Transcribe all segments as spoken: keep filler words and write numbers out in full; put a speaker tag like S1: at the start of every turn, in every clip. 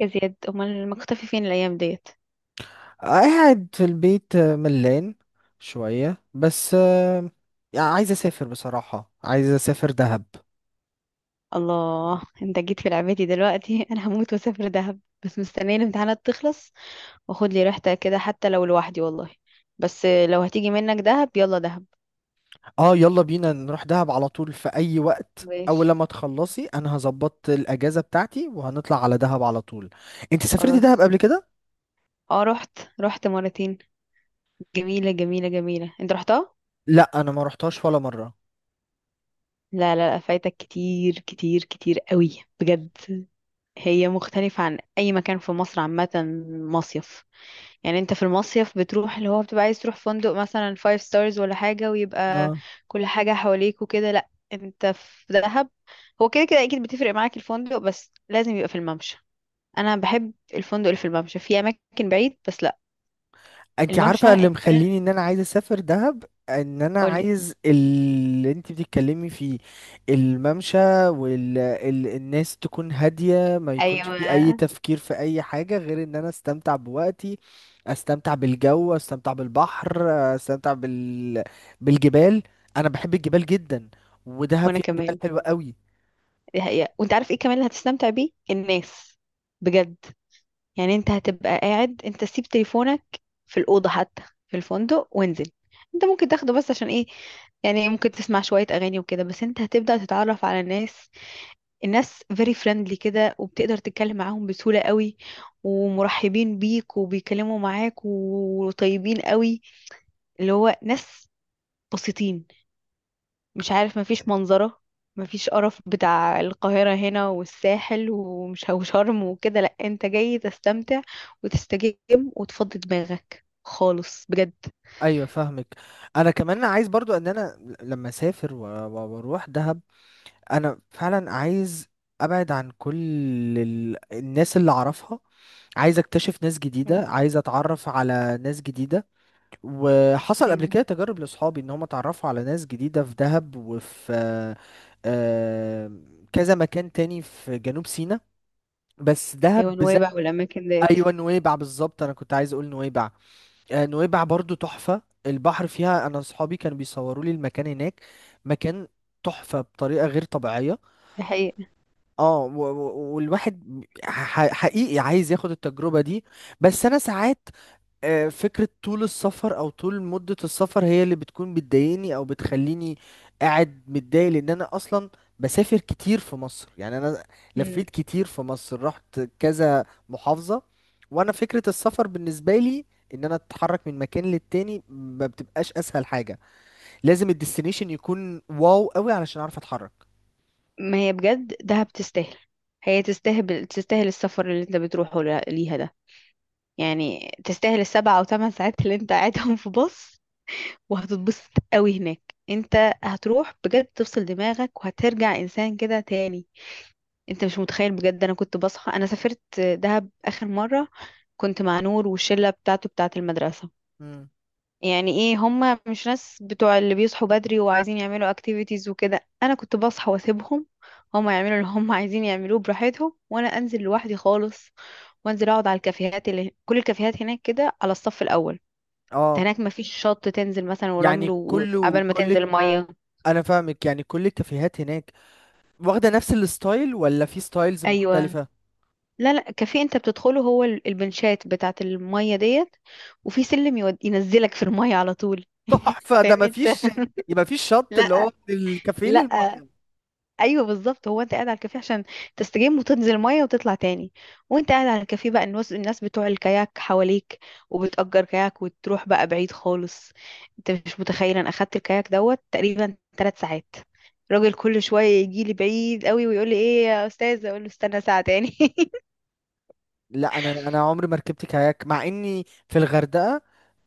S1: يا زياد، امال مختفي فين الايام ديت؟
S2: قاعد في البيت، آه، ملان شوية بس. آه، يعني عايز اسافر، بصراحة عايز اسافر دهب.
S1: الله، انت جيت في لعبتي دلوقتي. انا هموت واسافر دهب، بس مستنيه الامتحانات تخلص. واخد لي ريحتها كده حتى لو لوحدي والله. بس لو هتيجي منك دهب يلا دهب.
S2: اه، يلا بينا نروح دهب على طول في اي وقت، اول
S1: ماشي.
S2: لما تخلصي انا هظبط الاجازة بتاعتي وهنطلع على دهب على طول. انت سافرتي دهب
S1: خلاص.
S2: قبل كده؟
S1: اه، رحت رحت مرتين. جميله جميله جميله، انت رحتها؟
S2: لا، انا ما رحتهاش ولا مرة.
S1: لا لا لا، فايتك كتير كتير كتير قوي بجد. هي مختلفه عن اي مكان في مصر عامه. مصيف. يعني انت في المصيف بتروح اللي هو بتبقى عايز تروح فندق مثلا فايف ستارز ولا حاجة، ويبقى كل حاجة حواليك وكده. لا، انت في دهب هو كده كده اكيد بتفرق معاك الفندق، بس لازم يبقى في الممشى. انا بحب الفندق اللي في الممشى، في اماكن بعيد بس لا.
S2: انت
S1: الممشى
S2: عارفه اللي
S1: انت.
S2: مخليني ان انا عايز اسافر دهب؟ ان انا
S1: قولي.
S2: عايز اللي انت بتتكلمي فيه، الممشى. والناس تكون هاديه، ما يكونش
S1: ايوه.
S2: فيه اي تفكير في اي حاجه غير ان انا استمتع بوقتي. استمتع بالجو، استمتع بالبحر، استمتع بال... بالجبال. انا بحب الجبال جدا، ودهب
S1: وانا
S2: فيها جبال
S1: كمان.
S2: حلوه قوي.
S1: دي حقيقة. وانت عارف ايه كمان اللي هتستمتع بيه الناس؟ بجد، يعني انت هتبقى قاعد، انت سيب تليفونك في الأوضة حتى، في الفندق وانزل. انت ممكن تاخده بس عشان ايه؟ يعني ممكن تسمع شوية أغاني وكده، بس انت هتبدأ تتعرف على الناس. الناس very friendly كده، وبتقدر تتكلم معاهم بسهولة قوي، ومرحبين بيك وبيكلموا معاك وطيبين قوي. اللي هو ناس بسيطين، مش عارف، مفيش منظرة، مفيش قرف بتاع القاهرة هنا والساحل ومش وشرم وكده. لأ، انت جاي تستمتع وتستجم وتفضي دماغك خالص بجد.
S2: ايوه فاهمك. انا كمان عايز برضو ان انا لما اسافر و- و- واروح دهب، انا فعلا عايز ابعد عن كل ال... الناس اللي اعرفها. عايز اكتشف ناس
S1: مم.
S2: جديدة، عايز اتعرف على ناس جديدة. وحصل قبل
S1: ايوه.
S2: كده تجارب لاصحابي ان هم اتعرفوا على ناس جديدة في دهب وفي آه، آه، كذا مكان تاني في جنوب سيناء، بس دهب
S1: ايوه،
S2: بالذات.
S1: نويبع والاماكن ديت.
S2: ايوه نويبع بالظبط، انا كنت عايز اقول نويبع. آه، نويبع برضو تحفة، البحر فيها، انا اصحابي كانوا بيصوروا لي المكان هناك، مكان تحفة بطريقة غير طبيعية.
S1: دي حقيقة.
S2: اه و- و- والواحد ح- حقيقي عايز ياخد التجربة دي. بس انا ساعات آه، فكرة طول السفر او طول مدة السفر هي اللي بتكون بتضايقني او بتخليني قاعد متضايق، لان انا اصلا بسافر كتير في مصر. يعني انا
S1: مم.
S2: لفيت كتير في مصر، رحت كذا محافظة. وانا فكرة السفر بالنسبة لي ان انا اتحرك من مكان للتاني ما بتبقاش اسهل حاجة، لازم الديستنيشن يكون واو قوي علشان اعرف اتحرك.
S1: ما هي بجد دهب تستاهل. هي تستاهل، تستاهل السفر اللي انت بتروحه ل- ليها ده. يعني تستاهل السبع او ثمان ساعات اللي انت قاعدهم في باص، وهتتبسط قوي هناك. انت هتروح بجد تفصل دماغك، وهترجع انسان كده تاني. انت مش متخيل بجد، انا كنت بصحى، انا سافرت دهب اخر مرة كنت مع نور والشلة بتاعته بتاعة المدرسة.
S2: مم.
S1: يعني ايه، هما مش ناس بتوع اللي بيصحوا بدري وعايزين يعملوا اكتيفيتيز وكده. انا كنت بصحى واسيبهم هما يعملوا اللي هما عايزين يعملوه براحتهم، وانا انزل لوحدي خالص. وانزل اقعد على الكافيهات، اللي كل الكافيهات هناك كده على الصف الاول. انت
S2: اه،
S1: هناك مفيش شط تنزل مثلا ورمل
S2: يعني كله
S1: وقبل ما
S2: كل
S1: تنزل مية.
S2: انا فاهمك، يعني كل الكافيهات هناك واخده نفس الستايل ولا في ستايلز
S1: ايوه.
S2: مختلفه؟
S1: لا لا، كافيه انت بتدخله هو ال- البنشات بتاعت المية ديت، وفي سلم يود... ينزلك في المية على طول.
S2: تحفه ده،
S1: فاهمني انت.
S2: مفيش. يبقى مفيش شط اللي هو
S1: لا.
S2: من الكافيه
S1: لا.
S2: للميه.
S1: ايوه بالظبط، هو انت قاعد على الكافيه عشان تستجم وتنزل ميه وتطلع تاني. وانت قاعد على الكافيه بقى، الناس الناس بتوع الكاياك حواليك، وبتأجر كاياك وتروح بقى بعيد خالص. انت مش متخيل، انا اخدت الكاياك دوت تقريبا ثلاث ساعات. الراجل كل شويه يجي لي بعيد قوي ويقول لي ايه يا استاذه، اقول له استنى ساعه تاني.
S2: لا، انا انا عمري ما ركبت كاياك مع اني في الغردقه.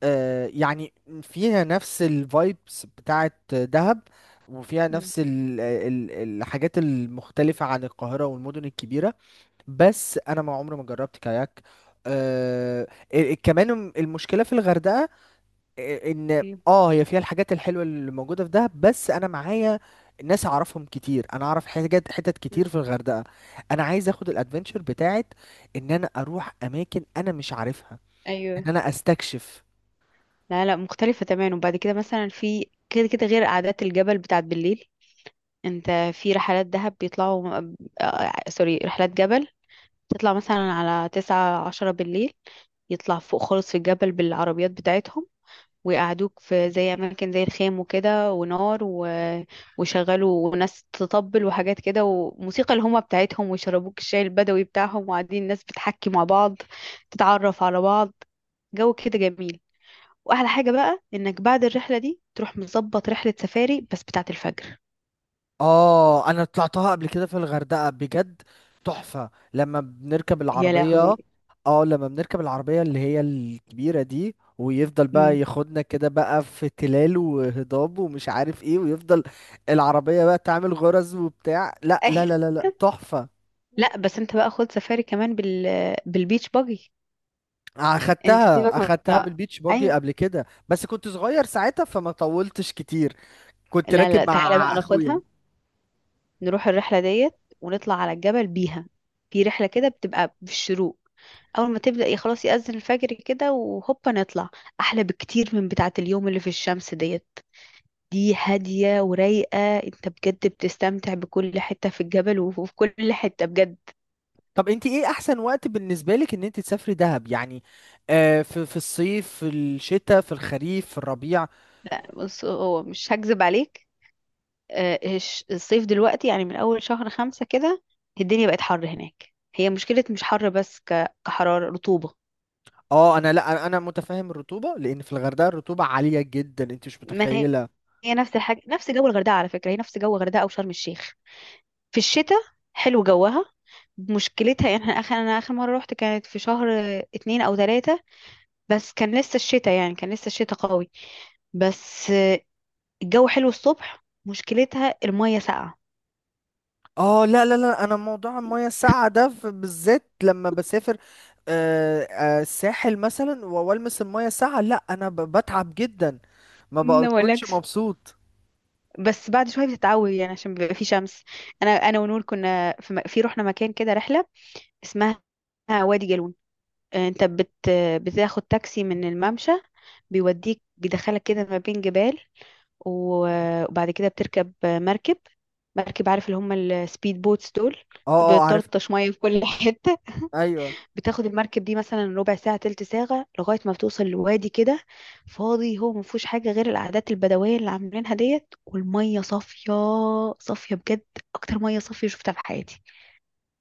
S2: آه يعني فيها نفس الفايبس بتاعه دهب، وفيها
S1: مم.
S2: نفس ال ال الحاجات المختلفه عن القاهره والمدن الكبيره. بس انا ما عمري ما جربت كاياك. آه ال- كمان المشكله في الغردقه، آه، ان اه هي فيها الحاجات الحلوه اللي موجوده في دهب، بس انا معايا ناس اعرفهم كتير، انا اعرف حاجات حتت كتير
S1: مم.
S2: في الغردقه. انا عايز اخد الادفنتشر بتاعت ان انا اروح اماكن انا مش عارفها، ان
S1: ايوه.
S2: انا استكشف.
S1: لا لا، مختلفة تماما. وبعد كده مثلا في، كده كده، غير قعدات الجبل بتاعت بالليل. انت في رحلات دهب بيطلعوا آه، آه، سوري، رحلات جبل. تطلع مثلا على تسعة عشرة بالليل، يطلع فوق خالص في الجبل بالعربيات بتاعتهم، ويقعدوك في زي أماكن زي الخيم وكده ونار و... ويشغلوا وناس تطبل وحاجات كده وموسيقى الهومة بتاعتهم، ويشربوك الشاي البدوي بتاعهم، وقاعدين الناس بتحكي مع بعض، تتعرف على بعض. جو كده جميل. واحلى حاجه بقى انك بعد الرحله دي تروح مظبط رحله سفاري بس بتاعه الفجر.
S2: اه انا طلعتها قبل كده في الغردقة بجد، تحفة لما بنركب
S1: يا
S2: العربية.
S1: لهوي.
S2: اه لما بنركب العربية اللي هي الكبيرة دي، ويفضل بقى
S1: امم.
S2: ياخدنا كده بقى في تلال وهضاب ومش عارف ايه، ويفضل العربية بقى تعمل غرز وبتاع، لا لا لا
S1: أيوة.
S2: لا لا، تحفة.
S1: لا بس انت بقى خد سفاري كمان بال، بالبيتش باجي. انت
S2: اخدتها
S1: سيبك من
S2: اخدتها
S1: بقى.
S2: بالبيتش باجي
S1: ايوه.
S2: قبل كده، بس كنت صغير ساعتها فما طولتش كتير، كنت
S1: لا
S2: راكب
S1: لا، تعالى بقى
S2: مع اخويا.
S1: ناخدها، نروح الرحله ديت ونطلع على الجبل بيها. في رحله كده بتبقى في الشروق، اول ما تبدا ي- خلاص، يأذن الفجر كده وهوبا نطلع. احلى بكتير من بتاعه اليوم اللي في الشمس ديت. دي هادية ورايقة، انت بجد بتستمتع بكل حتة في الجبل، وفي كل حتة بجد.
S2: طب انت ايه احسن وقت بالنسبه لك ان انت تسافري دهب يعني؟ آه في في الصيف، في الشتاء، في الخريف، في الربيع؟
S1: بص، هو مش هكذب عليك، آه، الش- الصيف دلوقتي، يعني من أول شهر خمسة كده، الدنيا بقت حر هناك. هي مشكلة مش حر بس، ك- كحرارة رطوبة.
S2: اه انا، لا انا متفاهم الرطوبه، لان في الغردقه الرطوبه عاليه جدا انت مش
S1: ما هي
S2: متخيله.
S1: هي نفس الحاجة، نفس جو الغردقة على فكرة، هي نفس جو الغردقة أو شرم الشيخ. في الشتاء حلو جوها. مشكلتها يعني احنا اخر، انا اخر مره روحت كانت في شهر اتنين او تلاتة، بس كان لسه الشتاء، يعني كان لسه الشتاء قوي، بس الجو حلو الصبح. مشكلتها المية ساقعة.
S2: اه لا لا لا، انا موضوع المياه الساقعه ده في- بالذات لما بسافر آه، آه، الساحل مثلا و- والمس المياه الساقعه، لا انا ب- بتعب جدا، ما
S1: ما
S2: بكونش
S1: اقولكش.
S2: مبسوط.
S1: بس بعد شوية بتتعود، يعني عشان بيبقى في شمس. أنا أنا ونور كنا في, م... في رحنا مكان كده، رحلة اسمها وادي جالون. آه، أنت بت... بتاخد تاكسي من الممشى، بيوديك بيدخلك كده ما بين جبال، و- وبعد كده بتركب مركب. مركب عارف اللي هم السبيد بوتس دول،
S2: اه.
S1: اللي
S2: اه عارف.
S1: بتطرطش مية في كل حتة.
S2: ايوه،
S1: بتاخد المركب دي مثلا ربع ساعة تلت ساعة لغاية ما بتوصل لوادي كده فاضي، هو ما فيهوش حاجة غير العادات البدوية اللي عاملينها ديت والمية صافية. صافية بجد، أكتر مية صافية شفتها في حياتي.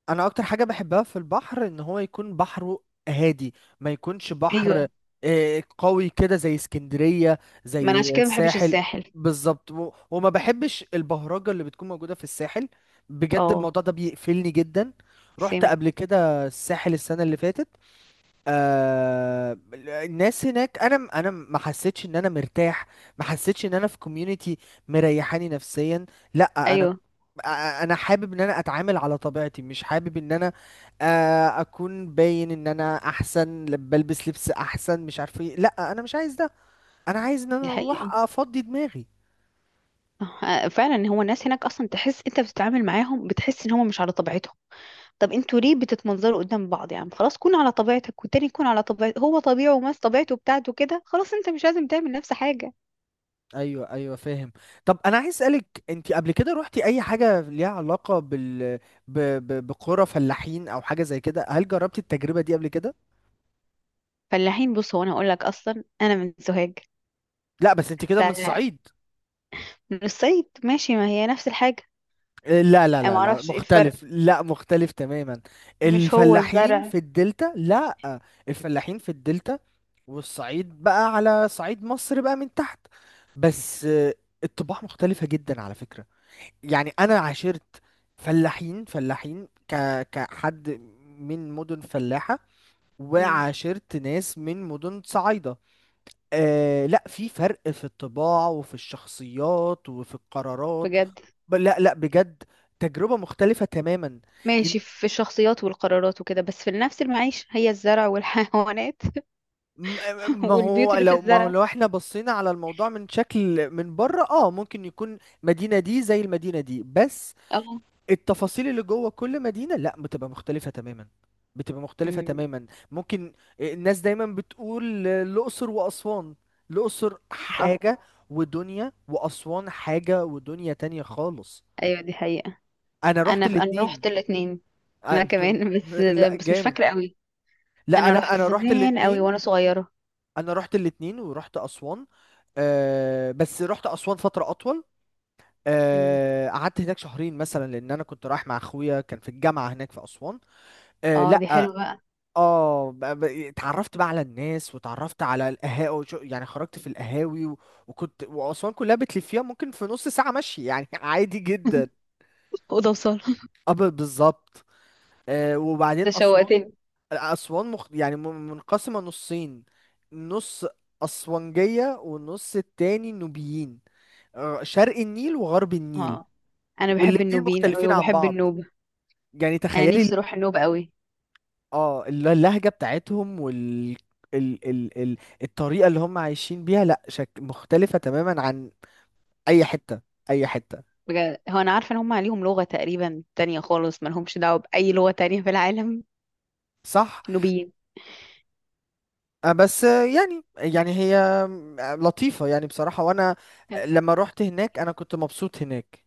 S2: انا اكتر حاجه بحبها في البحر ان هو يكون بحره هادي، ما يكونش بحر
S1: ايوه.
S2: آه، قوي كده زي اسكندريه،
S1: ما انا
S2: زي
S1: عشان كده ما بحبش
S2: الساحل.
S1: الساحل.
S2: بالظبط، و- وما بحبش البهرجه اللي بتكون موجوده في الساحل، بجد
S1: اه.
S2: الموضوع ده بيقفلني جدا. رحت
S1: سيم.
S2: قبل كده الساحل السنه اللي فاتت. آه الناس هناك انا م- انا م- ما حسيتش ان انا مرتاح، ما حسيتش ان انا في كوميونتي مريحاني نفسيا. لا انا،
S1: ايوه،
S2: آه، انا حابب ان انا اتعامل على طبيعتي، مش حابب ان انا آه، اكون باين ان انا احسن، ل- بلبس لبس احسن مش عارف ايه. لا انا مش عايز ده، انا عايز ان
S1: دي
S2: انا
S1: حقيقة.
S2: اروح افضي دماغي.
S1: آه، فعلا، هو الناس هناك اصلا تحس انت بتتعامل معاهم بتحس ان هم مش على طبيعتهم. طب انتوا ليه بتتمنظروا قدام بعض؟ يعني خلاص كون على طبيعتك والتاني يكون على طبيعته هو، طبيعه وماس طبيعته بتاعته كده، خلاص انت مش لازم تعمل نفس حاجة.
S2: ايوه ايوه فاهم. طب انا عايز اسالك، انت قبل كده روحتي اي حاجه ليها علاقه بال ب... ب... بقرى فلاحين او حاجه زي كده؟ هل جربتي التجربه دي قبل كده؟
S1: فلاحين، بص هو انا هقول لك، اصلا انا من سوهاج،
S2: لا بس انت كده من
S1: فمن
S2: الصعيد.
S1: الصعيد ماشي، ما هي نفس الحاجه.
S2: لا لا
S1: انا
S2: لا
S1: ما
S2: لا،
S1: اعرفش ايه الفرق،
S2: مختلف، لا مختلف تماما.
S1: مش هو
S2: الفلاحين
S1: الزرع؟
S2: في الدلتا، لا. الفلاحين في الدلتا، والصعيد بقى على صعيد مصر بقى من تحت. بس آه، الطباع مختلفة جدا على فكرة. يعني انا عاشرت فلاحين، فلاحين ك كحد من مدن فلاحة،
S1: مم.
S2: وعاشرت ناس من مدن صعايدة. آه لا، في فرق في الطباع وفي الشخصيات وفي القرارات.
S1: بجد؟
S2: ب- لا لا بجد، تجربة مختلفة تماما. إن-
S1: ماشي، في الشخصيات والقرارات وكده، بس في نفس المعيشه هي الزرع والحيوانات،
S2: م- م- ما هو
S1: والبيوت اللي في
S2: لو ما هو
S1: الزرع.
S2: لو احنا بصينا على الموضوع من شكل من بره اه ممكن يكون مدينة دي زي المدينة دي. بس
S1: اه.
S2: التفاصيل اللي جوه كل مدينة لا، بتبقى مختلفة تماما، بتبقى مختلفة
S1: امم.
S2: تماما. ممكن آه، الناس دايما بتقول آه، الأقصر وأسوان، الأقصر
S1: صح.
S2: حاجة ودنيا، وأسوان حاجة ودنيا تانية خالص.
S1: ايوه دي حقيقه.
S2: أنا
S1: انا
S2: رحت
S1: انا
S2: الاتنين.
S1: رحت الاثنين. انا
S2: أ-
S1: كمان، بس
S2: لا
S1: بس مش
S2: جامد.
S1: فاكره قوي،
S2: لا
S1: انا
S2: أنا
S1: رحت
S2: أنا رحت
S1: زمان قوي
S2: الاتنين.
S1: وانا صغيره.
S2: أنا رحت الاتنين ورحت أسوان. أه بس رحت أسوان فترة أطول.
S1: امم.
S2: آه، قعدت هناك شهرين مثلا، لان انا كنت رايح مع اخويا كان في الجامعه هناك في اسوان. آه،
S1: اه، دي
S2: لا.
S1: حلوه بقى.
S2: اه ب- ب- اتعرفت بقى على الناس، واتعرفت على القهاوي، يعني خرجت في القهاوي و... وكنت واسوان كلها بتلفيها ممكن في نص ساعه مشي يعني عادي جدا.
S1: اوضه وصاله.
S2: اه ب- بالظبط. آه وبعدين
S1: ده
S2: اسوان،
S1: شوقتني.
S2: اسوان مخ... يعني م- منقسمه نصين، نص اسوانجيه والنص التاني نوبيين، آه شرق النيل وغرب النيل.
S1: اه، انا بحب
S2: والاتنين
S1: النوبيين قوي
S2: مختلفين عن
S1: وبحب
S2: بعض،
S1: النوبة.
S2: يعني
S1: انا
S2: تخيلي.
S1: نفسي اروح النوبة قوي.
S2: اه الل- اللهجة بتاعتهم وال ال... ال... ال... الطريقة اللي هم عايشين بيها لا شك مختلفة تماما عن أي حتة، أي حتة.
S1: بجد، هو انا عارفة ان هم عليهم لغة تقريبا تانية خالص، ما لهمش دعوة بأي لغة تانية في العالم،
S2: صح.
S1: النوبيين.
S2: آه، بس آه، يعني، يعني هي آه، لطيفة يعني بصراحة. وأنا
S1: حلو.
S2: لما روحت هناك أنا كنت مبسوط هناك.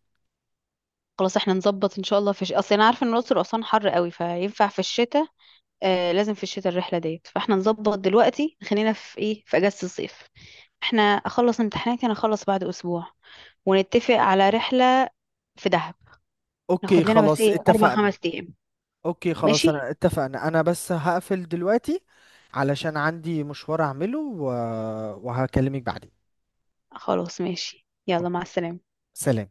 S1: خلاص احنا نظبط ان شاء الله في ش... اصل انا عارفة ان الاقصر واسوان حر قوي، فينفع في الشتاء. آه، لازم في الشتاء الرحلة ديت. فاحنا نظبط دلوقتي، خلينا في ايه، في اجازة الصيف. احنا اخلص امتحاناتي، انا اخلص بعد اسبوع ونتفق على رحلة في دهب.
S2: أوكي
S1: ناخد لنا بس
S2: خلاص
S1: ايه اربع
S2: اتفقنا.
S1: خمس ايام
S2: أوكي خلاص
S1: ماشي.
S2: أنا اتفقنا. أنا بس هقفل دلوقتي علشان عندي مشوار أعمله و... وهكلمك بعدين.
S1: خلاص ماشي، يلا
S2: أوه.
S1: مع السلامة.
S2: سلام.